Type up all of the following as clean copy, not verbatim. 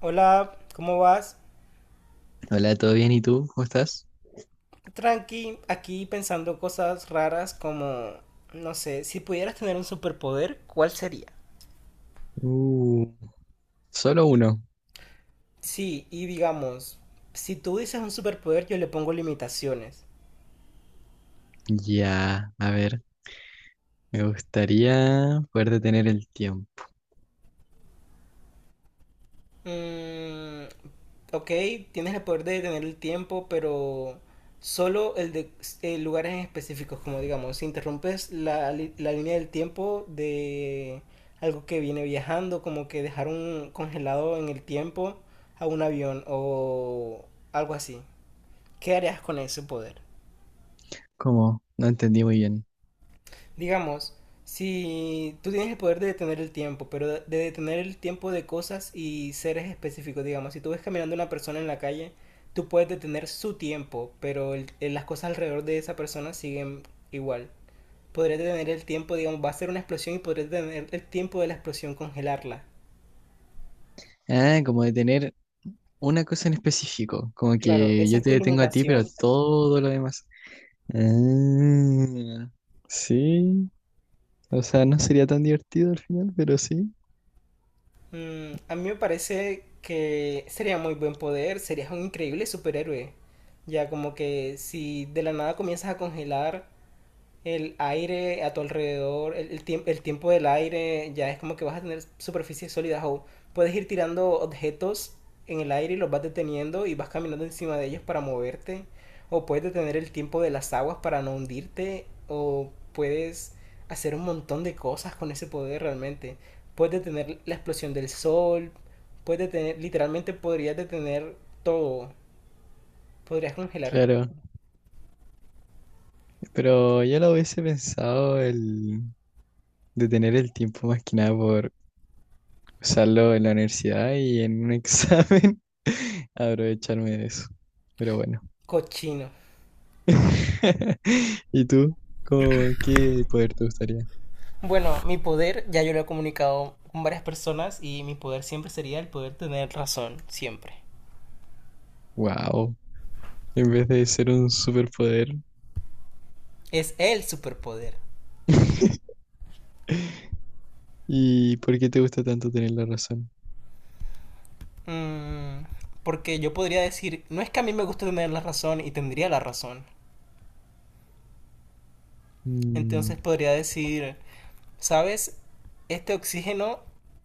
Hola, ¿cómo vas? Hola, ¿todo bien? ¿Y tú? ¿Cómo estás? Tranqui, aquí pensando cosas raras como, no sé, si pudieras tener un superpoder, ¿cuál sería? Uh, Solo uno. Sí, y digamos, si tú dices un superpoder, yo le pongo limitaciones. Ya, a ver, me gustaría poder detener el tiempo. Mm, ok, tienes el poder de detener el tiempo, pero solo el de lugares en específicos, como digamos, si interrumpes la línea del tiempo de algo que viene viajando, como que dejar un congelado en el tiempo a un avión o algo así. ¿Qué harías con ese poder? ¿Cómo? No entendí muy bien. Digamos, si tú tienes el poder de detener el tiempo, pero de detener el tiempo de cosas y seres específicos, digamos, si tú ves caminando una persona en la calle, tú puedes detener su tiempo, pero las cosas alrededor de esa persona siguen igual. Podrías detener el tiempo, digamos, va a ser una explosión y podrías detener el tiempo de la explosión, congelarla. Ah, como detener una cosa en específico, como Claro, que esa yo es te tu detengo a ti, pero a limitación. todo lo demás. Ah, sí, o sea, no sería tan divertido al final, pero sí, Mm, a mí me parece que sería muy buen poder, serías un increíble superhéroe. Ya como que si de la nada comienzas a congelar el aire a tu alrededor, el tiempo del aire, ya es como que vas a tener superficies sólidas o puedes ir tirando objetos en el aire y los vas deteniendo y vas caminando encima de ellos para moverte, o puedes detener el tiempo de las aguas para no hundirte, o puedes hacer un montón de cosas con ese poder realmente. Puedes detener la explosión del sol, puedes detener, literalmente podrías detener todo, podrías congelar claro. Pero yo lo hubiese pensado el detener el tiempo más que nada por usarlo en la universidad y en un examen, aprovecharme de eso. Pero bueno. cochino. ¿Y tú? ¿Cómo, qué poder te gustaría? Bueno, mi poder, ya yo lo he comunicado con varias personas y mi poder siempre sería el poder tener razón, siempre. Wow, en vez de ser un superpoder. Es el superpoder. ¿Y por qué te gusta tanto tener la razón? Mm, porque yo podría decir, no es que a mí me guste tener la razón y tendría la razón. Mm. Entonces podría decir, ¿sabes? Este oxígeno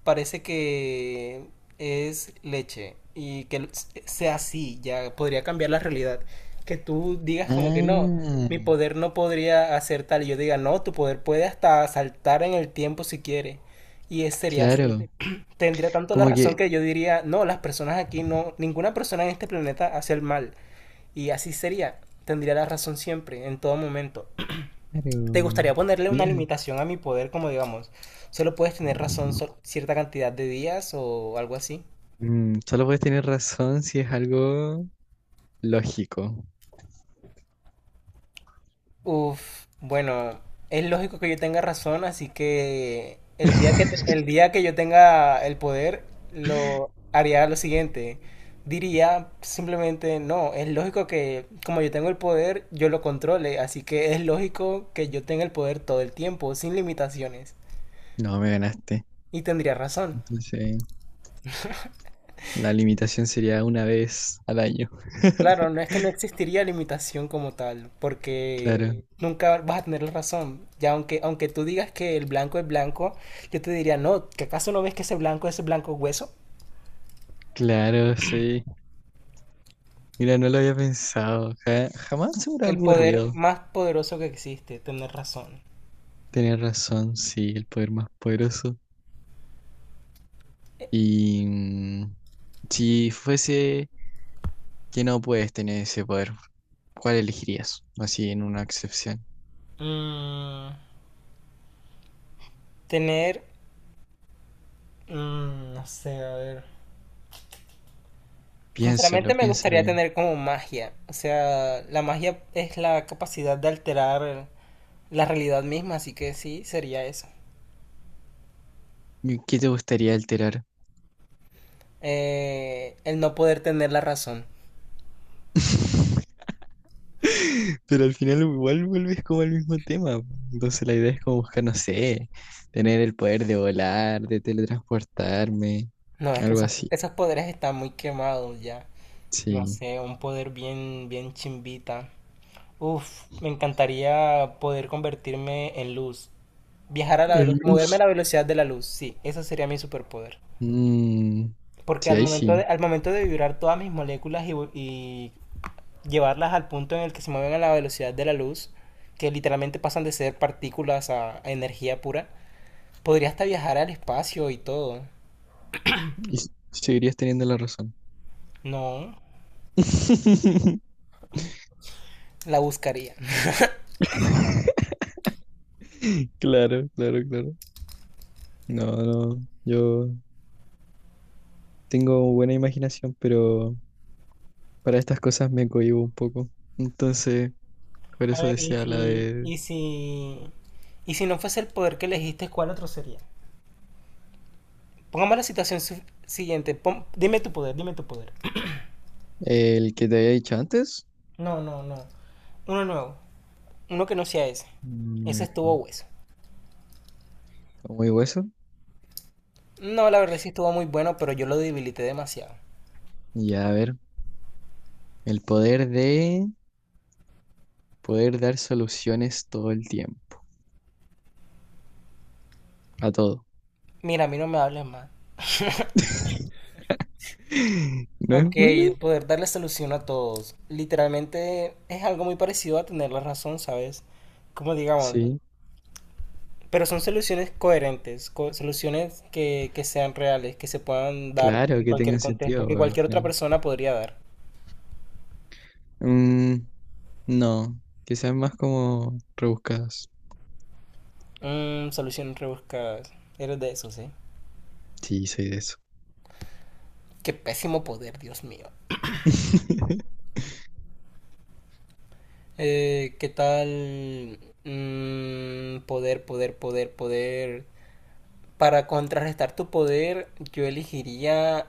parece que es leche y que sea así, ya podría cambiar la realidad. Que tú digas como que no, Ah, mi poder no podría hacer tal y yo diga no, tu poder puede hasta saltar en el tiempo si quiere. Y es, sería claro. así. Tendría tanto la Como que, razón que yo diría, no, las personas aquí no, ninguna persona en este planeta hace el mal. Y así sería. Tendría la razón siempre, en todo momento. ¿Te claro. gustaría ponerle una Mira, limitación a mi poder, como digamos, solo puedes tener razón cierta cantidad de días o algo así? Solo puedes tener razón si es algo lógico. Uf, bueno, es lógico que yo tenga razón, así que el día que yo tenga el poder, lo haría lo siguiente. Diría simplemente, no, es lógico que como yo tengo el poder, yo lo controle, así que es lógico que yo tenga el poder todo el tiempo, sin limitaciones. No, me ganaste. Y tendría razón. Entonces, la limitación sería una vez al año. Claro, no es que no existiría limitación como tal, porque Claro, sí. nunca vas a tener la razón. Ya aunque tú digas que el blanco es blanco, yo te diría, no, ¿que acaso no ves que ese blanco es blanco hueso? Claro, sí. Mira, no lo había pensado. Jamás se me hubiera El poder ocurrido. más poderoso que existe, tener razón. Tienes razón, sí, el poder más poderoso. Y si fuese que no puedes tener ese poder, ¿cuál elegirías? Así en una excepción. Mm, tener, mm, no sé, a ver. Piénsalo, Sinceramente me piénsalo gustaría bien. tener como magia. O sea, la magia es la capacidad de alterar la realidad misma, así que sí, sería eso. ¿Y qué te gustaría alterar? El no poder tener la razón. Pero al final igual vuelves como al mismo tema. Entonces la idea es como buscar, no sé, tener el poder de volar, de teletransportarme, No, es que algo así. esos poderes están muy quemados ya. No Sí. sé, un poder bien chimbita. Uf, me encantaría poder convertirme en luz. Viajar a la El velocidad, moverme a luz. la velocidad de la luz, sí, eso sería mi superpoder. Mm, Porque sí, ahí sí. Al momento de vibrar todas mis moléculas y llevarlas al punto en el que se mueven a la velocidad de la luz, que literalmente pasan de ser partículas a energía pura, podría hasta viajar al espacio y todo. Y seguirías teniendo la razón. No, la buscaría. Claro, claro, claro. No, no, yo tengo buena imaginación, pero para estas cosas me cohíbo un poco. Entonces, por A eso ver, decía la de y si no fuese el poder que elegiste, ¿cuál otro sería? Pongamos la situación siguiente. Dime tu poder, dime tu poder. el que te había dicho antes. No, no, no. Uno nuevo. Uno que no sea ese. Ese estuvo Bueno, hueso. está muy hueso. No, la verdad sí estuvo muy bueno, pero yo lo debilité demasiado. Ya, a ver. El poder de poder dar soluciones todo el tiempo. A todo. Mira, a mí no me hables más. ¿No Ok, es bueno? poder darle solución a todos. Literalmente es algo muy parecido a tener la razón, ¿sabes? Como digamos, Sí, pero son soluciones coherentes, soluciones que sean reales, que se puedan dar claro en que cualquier tengan contexto, sentido que al cualquier otra final. persona podría dar. Mm, no, quizás más como rebuscados. Mm, soluciones rebuscadas. Eres de eso, ¿sí? Sí, soy de eso. Qué pésimo poder, Dios mío. ¿Qué tal? Mm, poder, poder, poder, poder. Para contrarrestar tu poder, yo elegiría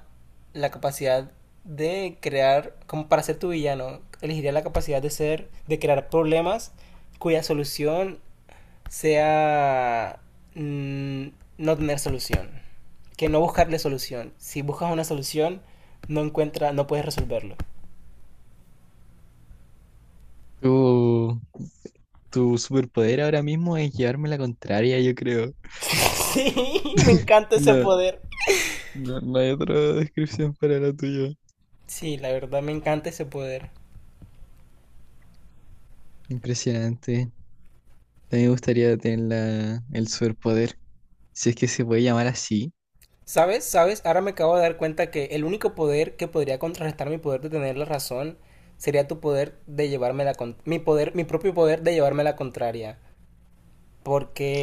la capacidad de crear, como para ser tu villano, elegiría la capacidad de ser, de crear problemas cuya solución sea mm, no tener solución, que no buscarle solución. Si buscas una solución, no encuentra, no puedes resolverlo. Tu, tu superpoder ahora mismo es llevarme la contraria, yo creo. Sí, me encanta ese No, poder. no no hay otra descripción para la tuya. Sí, la verdad me encanta ese poder. Impresionante. También me gustaría tener la, el superpoder. Si es que se puede llamar así. ¿Sabes? ¿Sabes? Ahora me acabo de dar cuenta que el único poder que podría contrarrestar mi poder de tener la razón sería tu poder de llevarme la mi poder, mi propio poder de llevarme la contraria.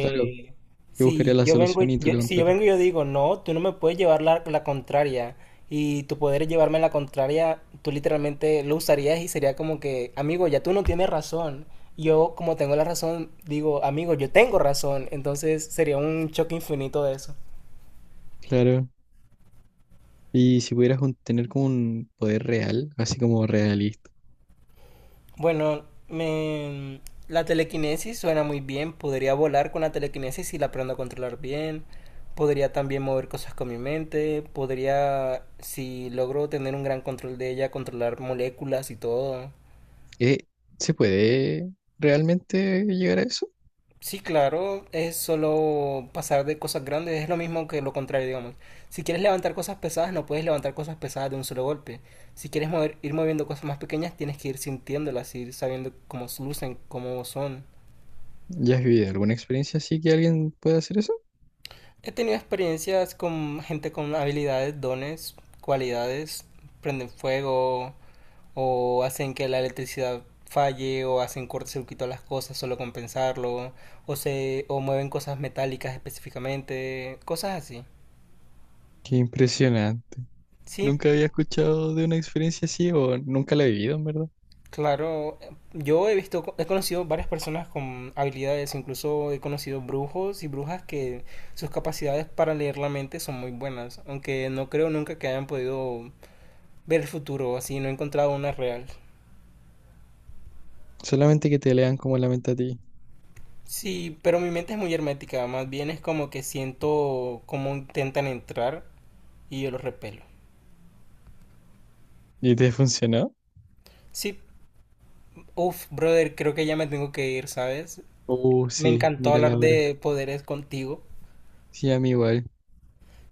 Claro, yo buscaría si la yo vengo solución y y tú yo, lo si yo contrario. vengo y yo digo, no, tú no me puedes llevar la contraria y tu poder es llevarme la contraria, tú literalmente lo usarías y sería como que, amigo, ya tú no tienes razón. Yo como tengo la razón, digo, amigo, yo tengo razón. Entonces sería un choque infinito de eso. Claro. Y si pudieras tener como un poder real, así como realista, Bueno, me... la telequinesis suena muy bien. Podría volar con la telequinesis si la aprendo a controlar bien. Podría también mover cosas con mi mente. Podría, si logro tener un gran control de ella, controlar moléculas y todo. eh, ¿se puede realmente llegar a eso? Sí, claro, es solo pasar de cosas grandes, es lo mismo que lo contrario, digamos. Si quieres levantar cosas pesadas, no puedes levantar cosas pesadas de un solo golpe. Si quieres mover, ir moviendo cosas más pequeñas, tienes que ir sintiéndolas, ir sabiendo cómo lucen, cómo son. ¿Ya has vivido alguna experiencia así que alguien pueda hacer eso? He tenido experiencias con gente con habilidades, dones, cualidades, prenden fuego o hacen que la electricidad falle o hacen cortocircuito a las cosas solo con pensarlo o mueven cosas metálicas específicamente, cosas así. Qué impresionante. Sí, Nunca había escuchado de una experiencia así o nunca la he vivido, en verdad. claro, yo he conocido varias personas con habilidades, incluso he conocido brujos y brujas que sus capacidades para leer la mente son muy buenas, aunque no creo nunca que hayan podido ver el futuro, así no he encontrado una real. Solamente que te lean como la mente a ti. Sí, pero mi mente es muy hermética, más bien es como que siento cómo intentan entrar y yo los repelo. ¿Y te funcionó? Sí, uff, brother, creo que ya me tengo que ir, ¿sabes? Oh, Me sí, encantó mírala hablar ahora. de poderes contigo. Sí, a mí igual.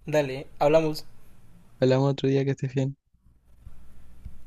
Dale, hablamos. Hablamos otro día que estés bien.